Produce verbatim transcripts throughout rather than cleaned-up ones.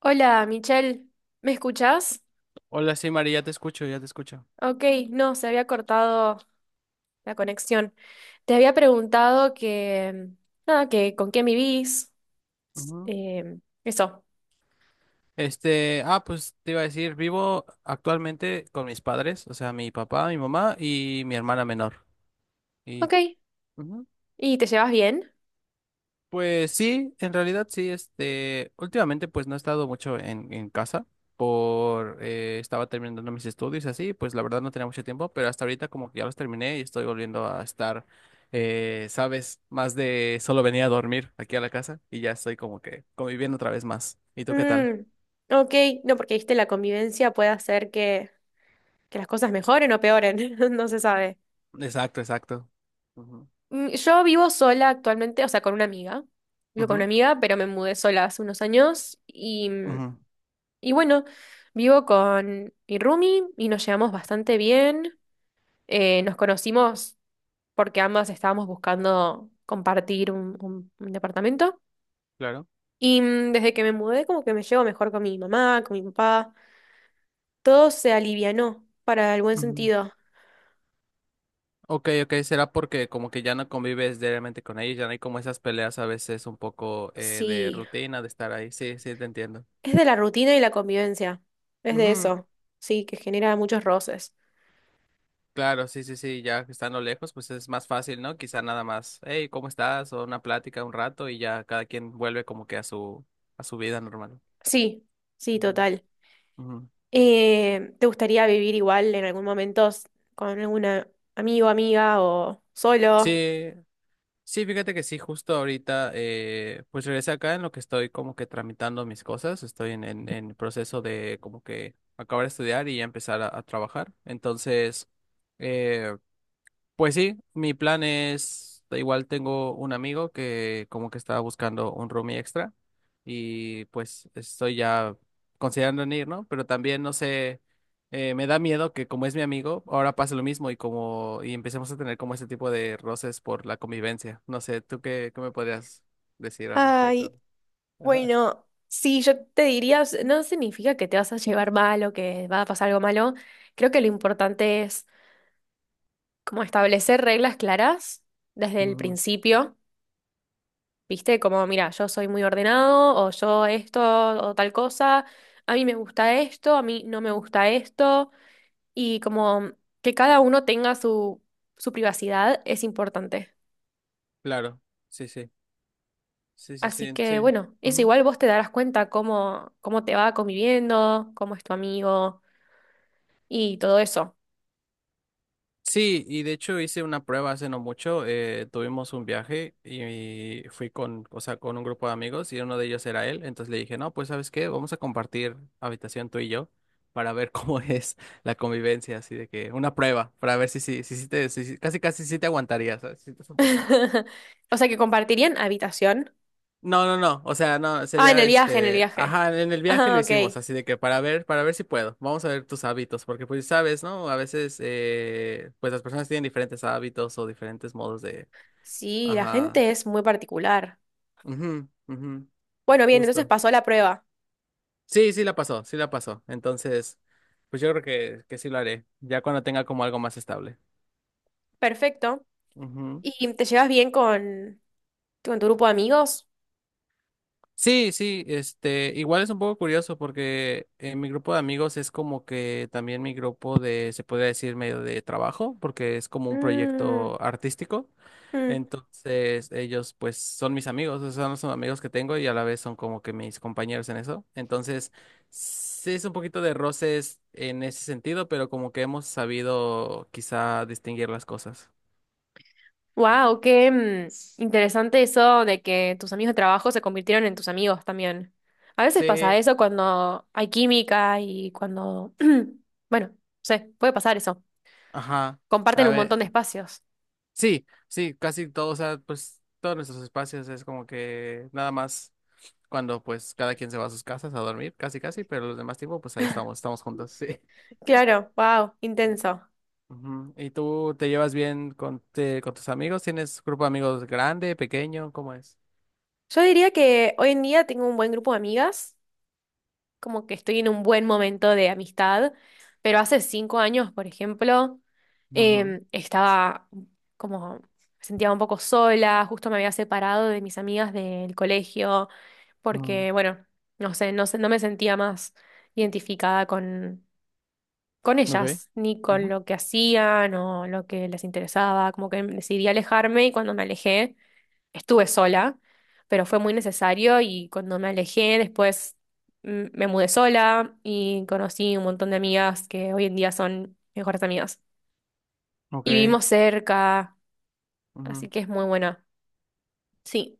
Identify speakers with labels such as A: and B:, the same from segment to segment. A: Hola, Michelle, ¿me escuchás?
B: Hola, sí, María, ya te escucho, ya te escucho.
A: Ok, no, se había cortado la conexión. Te había preguntado que, nada, que con quién vivís,
B: Ujú.
A: em, eso.
B: Este, ah, pues te iba a decir, vivo actualmente con mis padres, o sea, mi papá, mi mamá y mi hermana menor. Y
A: Ok,
B: ujú.
A: ¿y te llevas bien?
B: Pues sí, en realidad sí, este, últimamente pues no he estado mucho en, en casa por, eh, estaba terminando mis estudios y así, pues la verdad no tenía mucho tiempo, pero hasta ahorita como que ya los terminé y estoy volviendo a estar, eh, sabes, más de solo venía a dormir aquí a la casa y ya estoy como que conviviendo otra vez más. ¿Y tú qué tal?
A: Mm, ok, no, porque viste, la convivencia puede hacer que, que las cosas mejoren o peoren, no se sabe.
B: Exacto, exacto. Ujú,
A: Mm, yo vivo sola actualmente, o sea, con una amiga. Vivo con una
B: ujú,
A: amiga, pero me mudé sola hace unos años y mm,
B: ujú,
A: y bueno, vivo con mi roomie y nos llevamos bastante bien. Eh, nos conocimos porque ambas estábamos buscando compartir un, un- un departamento.
B: claro.
A: Y mm, desde que me mudé, como que me llevo mejor con mi mamá, con mi papá. Todo se alivianó para el buen
B: Ujú.
A: sentido.
B: Ok, ok, será porque como que ya no convives diariamente con ellos, ya no hay como esas peleas a veces un poco eh, de
A: Sí,
B: rutina, de estar ahí. Sí, sí, te entiendo.
A: es de la rutina y la convivencia. Es de
B: Ujú.
A: eso. Sí, que genera muchos roces.
B: Claro, sí, sí, sí, ya que estando lejos, pues es más fácil, ¿no? Quizá nada más, hey, ¿cómo estás? O una plática un rato y ya cada quien vuelve como que a su, a su vida normal.
A: Sí, sí,
B: Ujú,
A: total.
B: ujú.
A: Eh, ¿te gustaría vivir igual en algún momento s- con algún amigo, amiga o solo?
B: Sí, sí, fíjate que sí, justo ahorita, eh, pues regresé acá en lo que estoy como que tramitando mis cosas, estoy en, en, en proceso de como que acabar de estudiar y ya empezar a, a trabajar. Entonces, eh, pues sí, mi plan es, da igual, tengo un amigo que como que estaba buscando un roomie extra y pues estoy ya considerando en ir, ¿no? Pero también, no sé, eh, me da miedo que como es mi amigo, ahora pase lo mismo y como y empecemos a tener como ese tipo de roces por la convivencia. No sé, ¿tú qué, qué me podrías decir al respecto?
A: Ay,
B: Ajá.
A: bueno, sí, yo te diría, s- no significa que te vas a llevar mal o que va a pasar algo malo. Creo que lo importante es como establecer reglas claras desde el
B: Ujú.
A: principio, ¿viste? Como, mira, yo soy muy ordenado o yo esto o tal cosa, a mí me gusta esto, a mí no me gusta esto. Y como que cada uno tenga su, su privacidad es importante.
B: Claro, sí, sí, sí, sí,
A: Así
B: sí,
A: que
B: sí.
A: bueno, eso igual vos te darás cuenta cómo, cómo te va conviviendo, cómo es tu amigo y todo eso.
B: Sí, y de hecho hice una prueba hace no mucho. Eh, tuvimos un viaje y fui con, o sea, con un grupo de amigos y uno de ellos era él. Entonces le dije, no, pues ¿sabes qué? Vamos a compartir habitación tú y yo para ver cómo es la convivencia, así de que una prueba, para ver si, si, si, si te, si- si- casi casi si te aguantarías, ¿sabes? Si te soportarías.
A: O sea que compartirían habitación.
B: No, no, no. O sea, no,
A: Ah, en el
B: sería
A: viaje, en el
B: este.
A: viaje.
B: Ajá, en el viaje lo
A: Ah, ok.
B: hicimos, así de que para ver, para ver si puedo. Vamos a ver tus hábitos, porque pues sabes, ¿no? A veces, eh, pues las personas tienen diferentes hábitos o diferentes modos de.
A: Sí, la
B: Ajá.
A: gente es muy particular.
B: Ujú, ujú.
A: Bueno, bien, entonces
B: Justo.
A: pasó la prueba.
B: Sí, sí la pasó, sí la pasó. Entonces, pues yo creo que, que sí lo haré, ya cuando tenga como algo más estable.
A: Perfecto.
B: Ujú.
A: ¿Y te llevas bien con, con tu grupo de amigos?
B: Sí, sí, este, igual es un poco curioso porque eh, mi grupo de amigos es como que también mi grupo de, se podría decir, medio de trabajo, porque es como un
A: Mm,
B: proyecto artístico.
A: mm.
B: Entonces, ellos pues son mis amigos, o sea, son los amigos que tengo y a la vez son como que mis compañeros en eso. Entonces, sí es un poquito de roces en ese sentido, pero como que hemos sabido quizá distinguir las cosas.
A: Wow, qué mm, interesante eso de que tus amigos de trabajo se convirtieron en tus amigos también. A veces pasa
B: Sí,
A: eso cuando hay química y cuando, bueno, sé, puede pasar eso.
B: ajá.
A: Comparten
B: A
A: un
B: ver.
A: montón de espacios.
B: Sí, sí, casi todos, o sea, pues todos nuestros espacios es como que nada más cuando pues cada quien se va a sus casas a dormir, casi casi, pero los demás tiempo pues ahí estamos, estamos juntos, sí.
A: Claro, wow, intenso.
B: Ujú. ¿Y tú te llevas bien con, te- con tus amigos? ¿Tienes grupo de amigos grande, pequeño? ¿Cómo es?
A: Yo diría que hoy en día tengo un buen grupo de amigas. Como que estoy en un buen momento de amistad, pero hace cinco años, por ejemplo,
B: Ujú.
A: em, estaba como, me sentía un poco sola, justo me había separado de mis amigas del colegio,
B: Mm.
A: porque, bueno, no sé, no sé, no me sentía más identificada con, con
B: Ok.
A: ellas, ni con
B: Ujú.
A: lo que hacían o lo que les interesaba, como que decidí alejarme y cuando me alejé estuve sola, pero fue muy necesario y cuando me alejé después mm, me mudé sola y conocí un montón de amigas que hoy en día son mejores amigas. Y
B: Ok.
A: vivimos cerca, así
B: Ujú.
A: que es muy buena. Sí.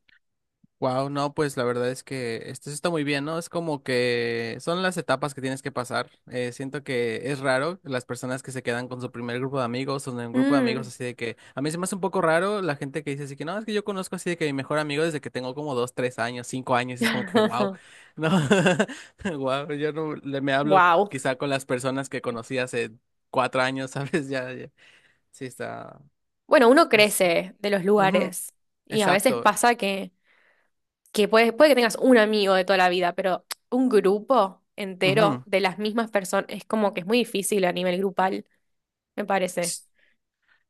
B: Wow, no, pues la verdad es que esto sí está muy bien, ¿no? Es como que son las etapas que tienes que pasar. Eh, siento que es raro las personas que se quedan con su primer grupo de amigos o en un grupo de amigos,
A: Mm.
B: así de que a mí se me hace un poco raro la gente que dice así que no, es que yo conozco así de que mi mejor amigo desde que tengo como dos, tres años, cinco años, y es como que wow, no, wow, yo no le me hablo
A: Wow.
B: quizá con las personas que conocí hace cuatro años, ¿sabes? Ya, ya. Sí está,
A: Bueno, uno
B: es,
A: crece de los
B: ujú,
A: lugares y a veces
B: exacto,
A: pasa que, que puede, puede que tengas un amigo de toda la vida, pero un grupo entero
B: ujú.
A: de las mismas personas es como que es muy difícil a nivel grupal, me parece.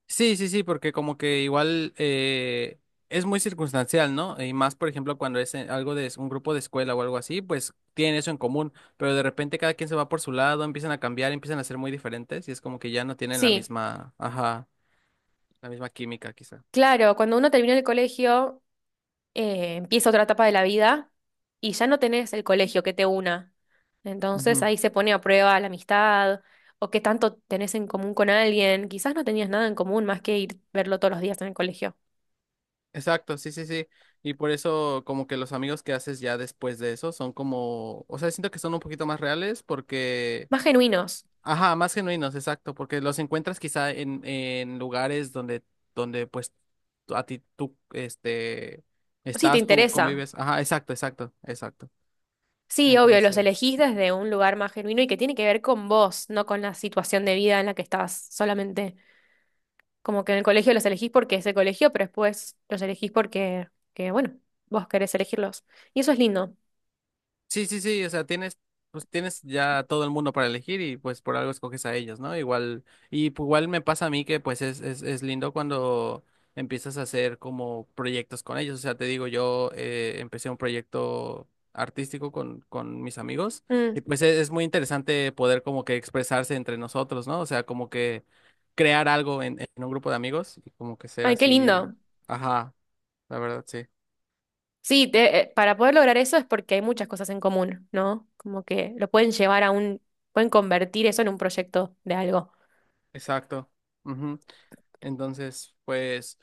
B: Sí, sí, sí, porque como que igual eh, es muy circunstancial, ¿no? Y más, por ejemplo, cuando es en- algo de un grupo de escuela o algo así, pues tienen eso en común, pero de repente cada quien se va por su lado, empiezan a cambiar, empiezan a ser muy diferentes y es como que ya no tienen la
A: Sí.
B: misma, ajá, la misma química quizá.
A: Claro, cuando uno termina el colegio, eh, empieza otra etapa de la vida y ya no tenés el colegio que te una. Entonces
B: Ujú.
A: ahí se pone a prueba la amistad o qué tanto tenés en común con alguien. Quizás no tenías nada en común más que ir verlo todos los días en el colegio.
B: Exacto, sí, sí, sí. Y por eso como que los amigos que haces ya después de eso son como, o sea, siento que son un poquito más reales porque
A: Más genuinos.
B: ajá, más genuinos, exacto, porque los encuentras quizá en, en lugares donde, donde pues tú- a ti tú, este,
A: Sí, te
B: estás, tú
A: interesa.
B: convives. Ajá, exacto, exacto, exacto.
A: Sí, obvio, los
B: Entonces...
A: elegís desde un lugar más genuino y que tiene que ver con vos, no con la situación de vida en la que estás solamente. Como que en el colegio los elegís porque es el colegio, pero después los elegís porque, que, bueno, vos querés elegirlos. Y eso es lindo.
B: Sí, sí, sí, o sea, tienes, pues tienes ya todo el mundo para elegir y pues por algo escoges a ellos, ¿no? Igual, y pues, igual me pasa a mí que pues es, es, es lindo cuando empiezas a hacer como proyectos con ellos, o sea, te digo, yo eh, empecé un proyecto artístico con, con mis amigos y
A: Mm.
B: pues es, es muy interesante poder como que expresarse entre nosotros, ¿no? O sea, como que crear algo en, en un grupo de amigos y como que ser
A: Ay, qué
B: así,
A: lindo.
B: ajá, la verdad, sí,
A: Sí, te- eh, para poder lograr eso es porque hay muchas cosas en común, ¿no? Como que lo pueden llevar a un, pueden convertir eso en un proyecto de algo.
B: exacto. Ujú. Entonces, pues...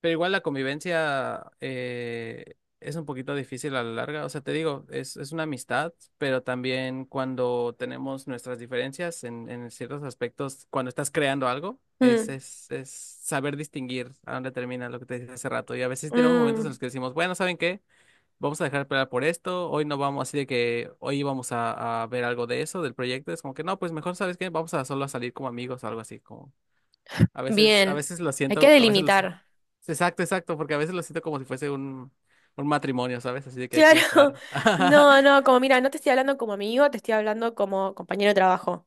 B: Pero igual la convivencia eh, es un poquito difícil a la larga. O sea, te digo, es, es una amistad, pero también cuando tenemos nuestras diferencias en, en ciertos aspectos, cuando estás creando algo, es,
A: Mm,
B: es, es saber distinguir a dónde termina lo que te dije hace rato. Y a veces tenemos momentos en
A: mm,
B: los que decimos, bueno, ¿saben qué? Vamos a dejar de pelear por esto, hoy no vamos, así de que hoy vamos a, a ver algo de eso, del proyecto. Es como que no, pues mejor, ¿sabes qué? Vamos a solo a salir como amigos o algo así, como... A veces, a
A: bien,
B: veces lo
A: hay que
B: siento, a veces lo siento.
A: delimitar.
B: Exacto, exacto, porque a veces lo siento como si fuese un, un matrimonio, ¿sabes? Así de que hay que
A: Claro,
B: estar.
A: no, no, como mira, no te estoy hablando como amigo, te estoy hablando como compañero de trabajo.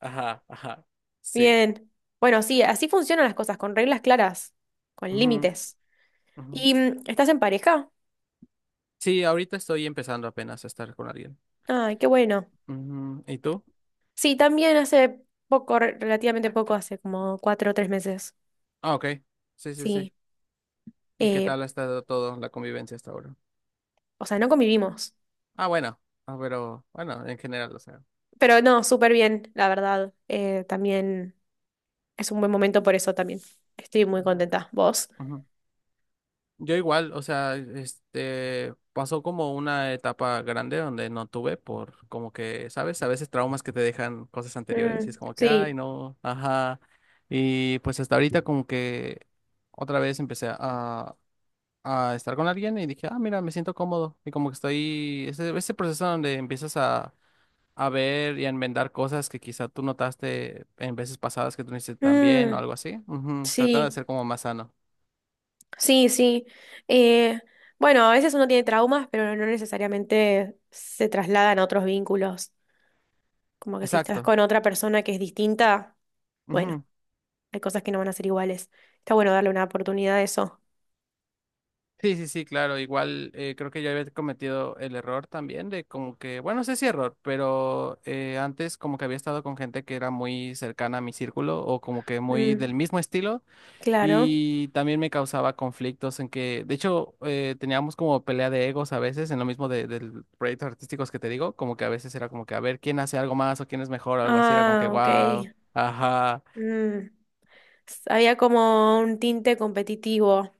B: Ajá, ajá. Sí.
A: Bien. Bueno, sí, así funcionan las cosas, con reglas claras, con
B: Ujú,
A: límites.
B: ujú.
A: ¿Y mm, estás en pareja?
B: Sí, ahorita estoy empezando apenas a estar con alguien.
A: Ay, qué bueno.
B: Ujú, ¿y tú?
A: Sí, también hace poco, re- relativamente poco, hace como cuatro o tres meses.
B: Ah, ok. Sí, sí, sí.
A: Sí.
B: ¿Y qué
A: Eh,
B: tal ha estado todo la convivencia hasta ahora?
A: o sea, no convivimos.
B: Ah, bueno. Ah, pero bueno, en general, o sea.
A: Pero no, súper bien, la verdad. Eh, también es un buen momento por eso también. Estoy muy
B: Ujú,
A: contenta. ¿Vos?
B: ujú. Yo igual, o sea, este, pasó como una etapa grande donde no tuve por como que, ¿sabes? A veces traumas que te dejan cosas anteriores y
A: Mm,
B: es como que, ay,
A: sí.
B: no, ajá. Y pues hasta ahorita como que otra vez empecé a, a estar con alguien y dije, ah, mira, me siento cómodo. Y como que estoy, ese, ese proceso donde empiezas a, a ver y a enmendar cosas que quizá tú notaste en veces pasadas que tú no hiciste tan bien o
A: Mm,
B: algo así, ujú. Tratando
A: sí.
B: de ser como más sano.
A: Sí, sí. Eh, bueno, a veces uno tiene traumas, pero no necesariamente se trasladan a otros vínculos. Como que si estás
B: Exacto.
A: con otra persona que es distinta, bueno,
B: Ujú.
A: hay cosas que no van a ser iguales. Está bueno darle una oportunidad a eso.
B: Sí, sí, sí, claro. Igual eh, creo que yo había cometido el error también de como que, bueno, no sé si error, pero eh, antes como que había estado con gente que era muy cercana a mi círculo o como que muy
A: Mm,
B: del mismo estilo
A: claro.
B: y también me causaba conflictos en que, de hecho, eh, teníamos como pelea de egos a veces en lo mismo de, del proyectos artísticos que te digo, como que a veces era como que a ver quién hace algo más o quién es mejor o algo así, era como que,
A: Ah, ok.
B: wow, ajá.
A: Mm, había como un tinte competitivo.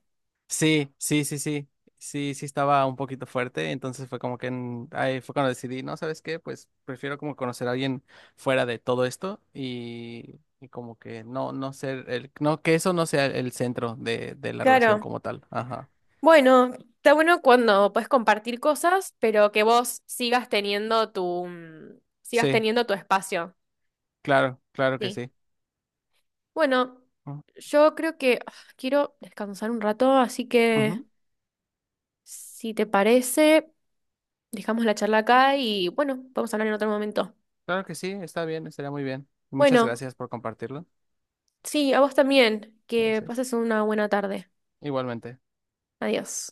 B: Sí, sí, sí, sí. Sí, sí estaba un poquito fuerte, entonces fue como que en- ahí fue cuando decidí, no, ¿sabes qué? Pues prefiero como conocer a alguien fuera de todo esto y, y como que no, no ser el, no, que eso no sea el centro de, de la relación
A: Claro.
B: como tal. Ajá.
A: Bueno, está bueno cuando puedes compartir cosas, pero que vos sigas teniendo tu, mm, sigas
B: Sí,
A: teniendo tu espacio.
B: claro, claro que
A: Sí.
B: sí.
A: Bueno,
B: Ujú,
A: yo creo que ah, quiero descansar un rato, así que
B: ujú.
A: si te parece, dejamos la charla acá y bueno, vamos a hablar en otro momento.
B: Claro que sí, está bien, estaría muy bien. Muchas
A: Bueno,
B: gracias por compartirlo.
A: sí, a vos también, que
B: Gracias.
A: pases una buena tarde.
B: Igualmente.
A: Adiós.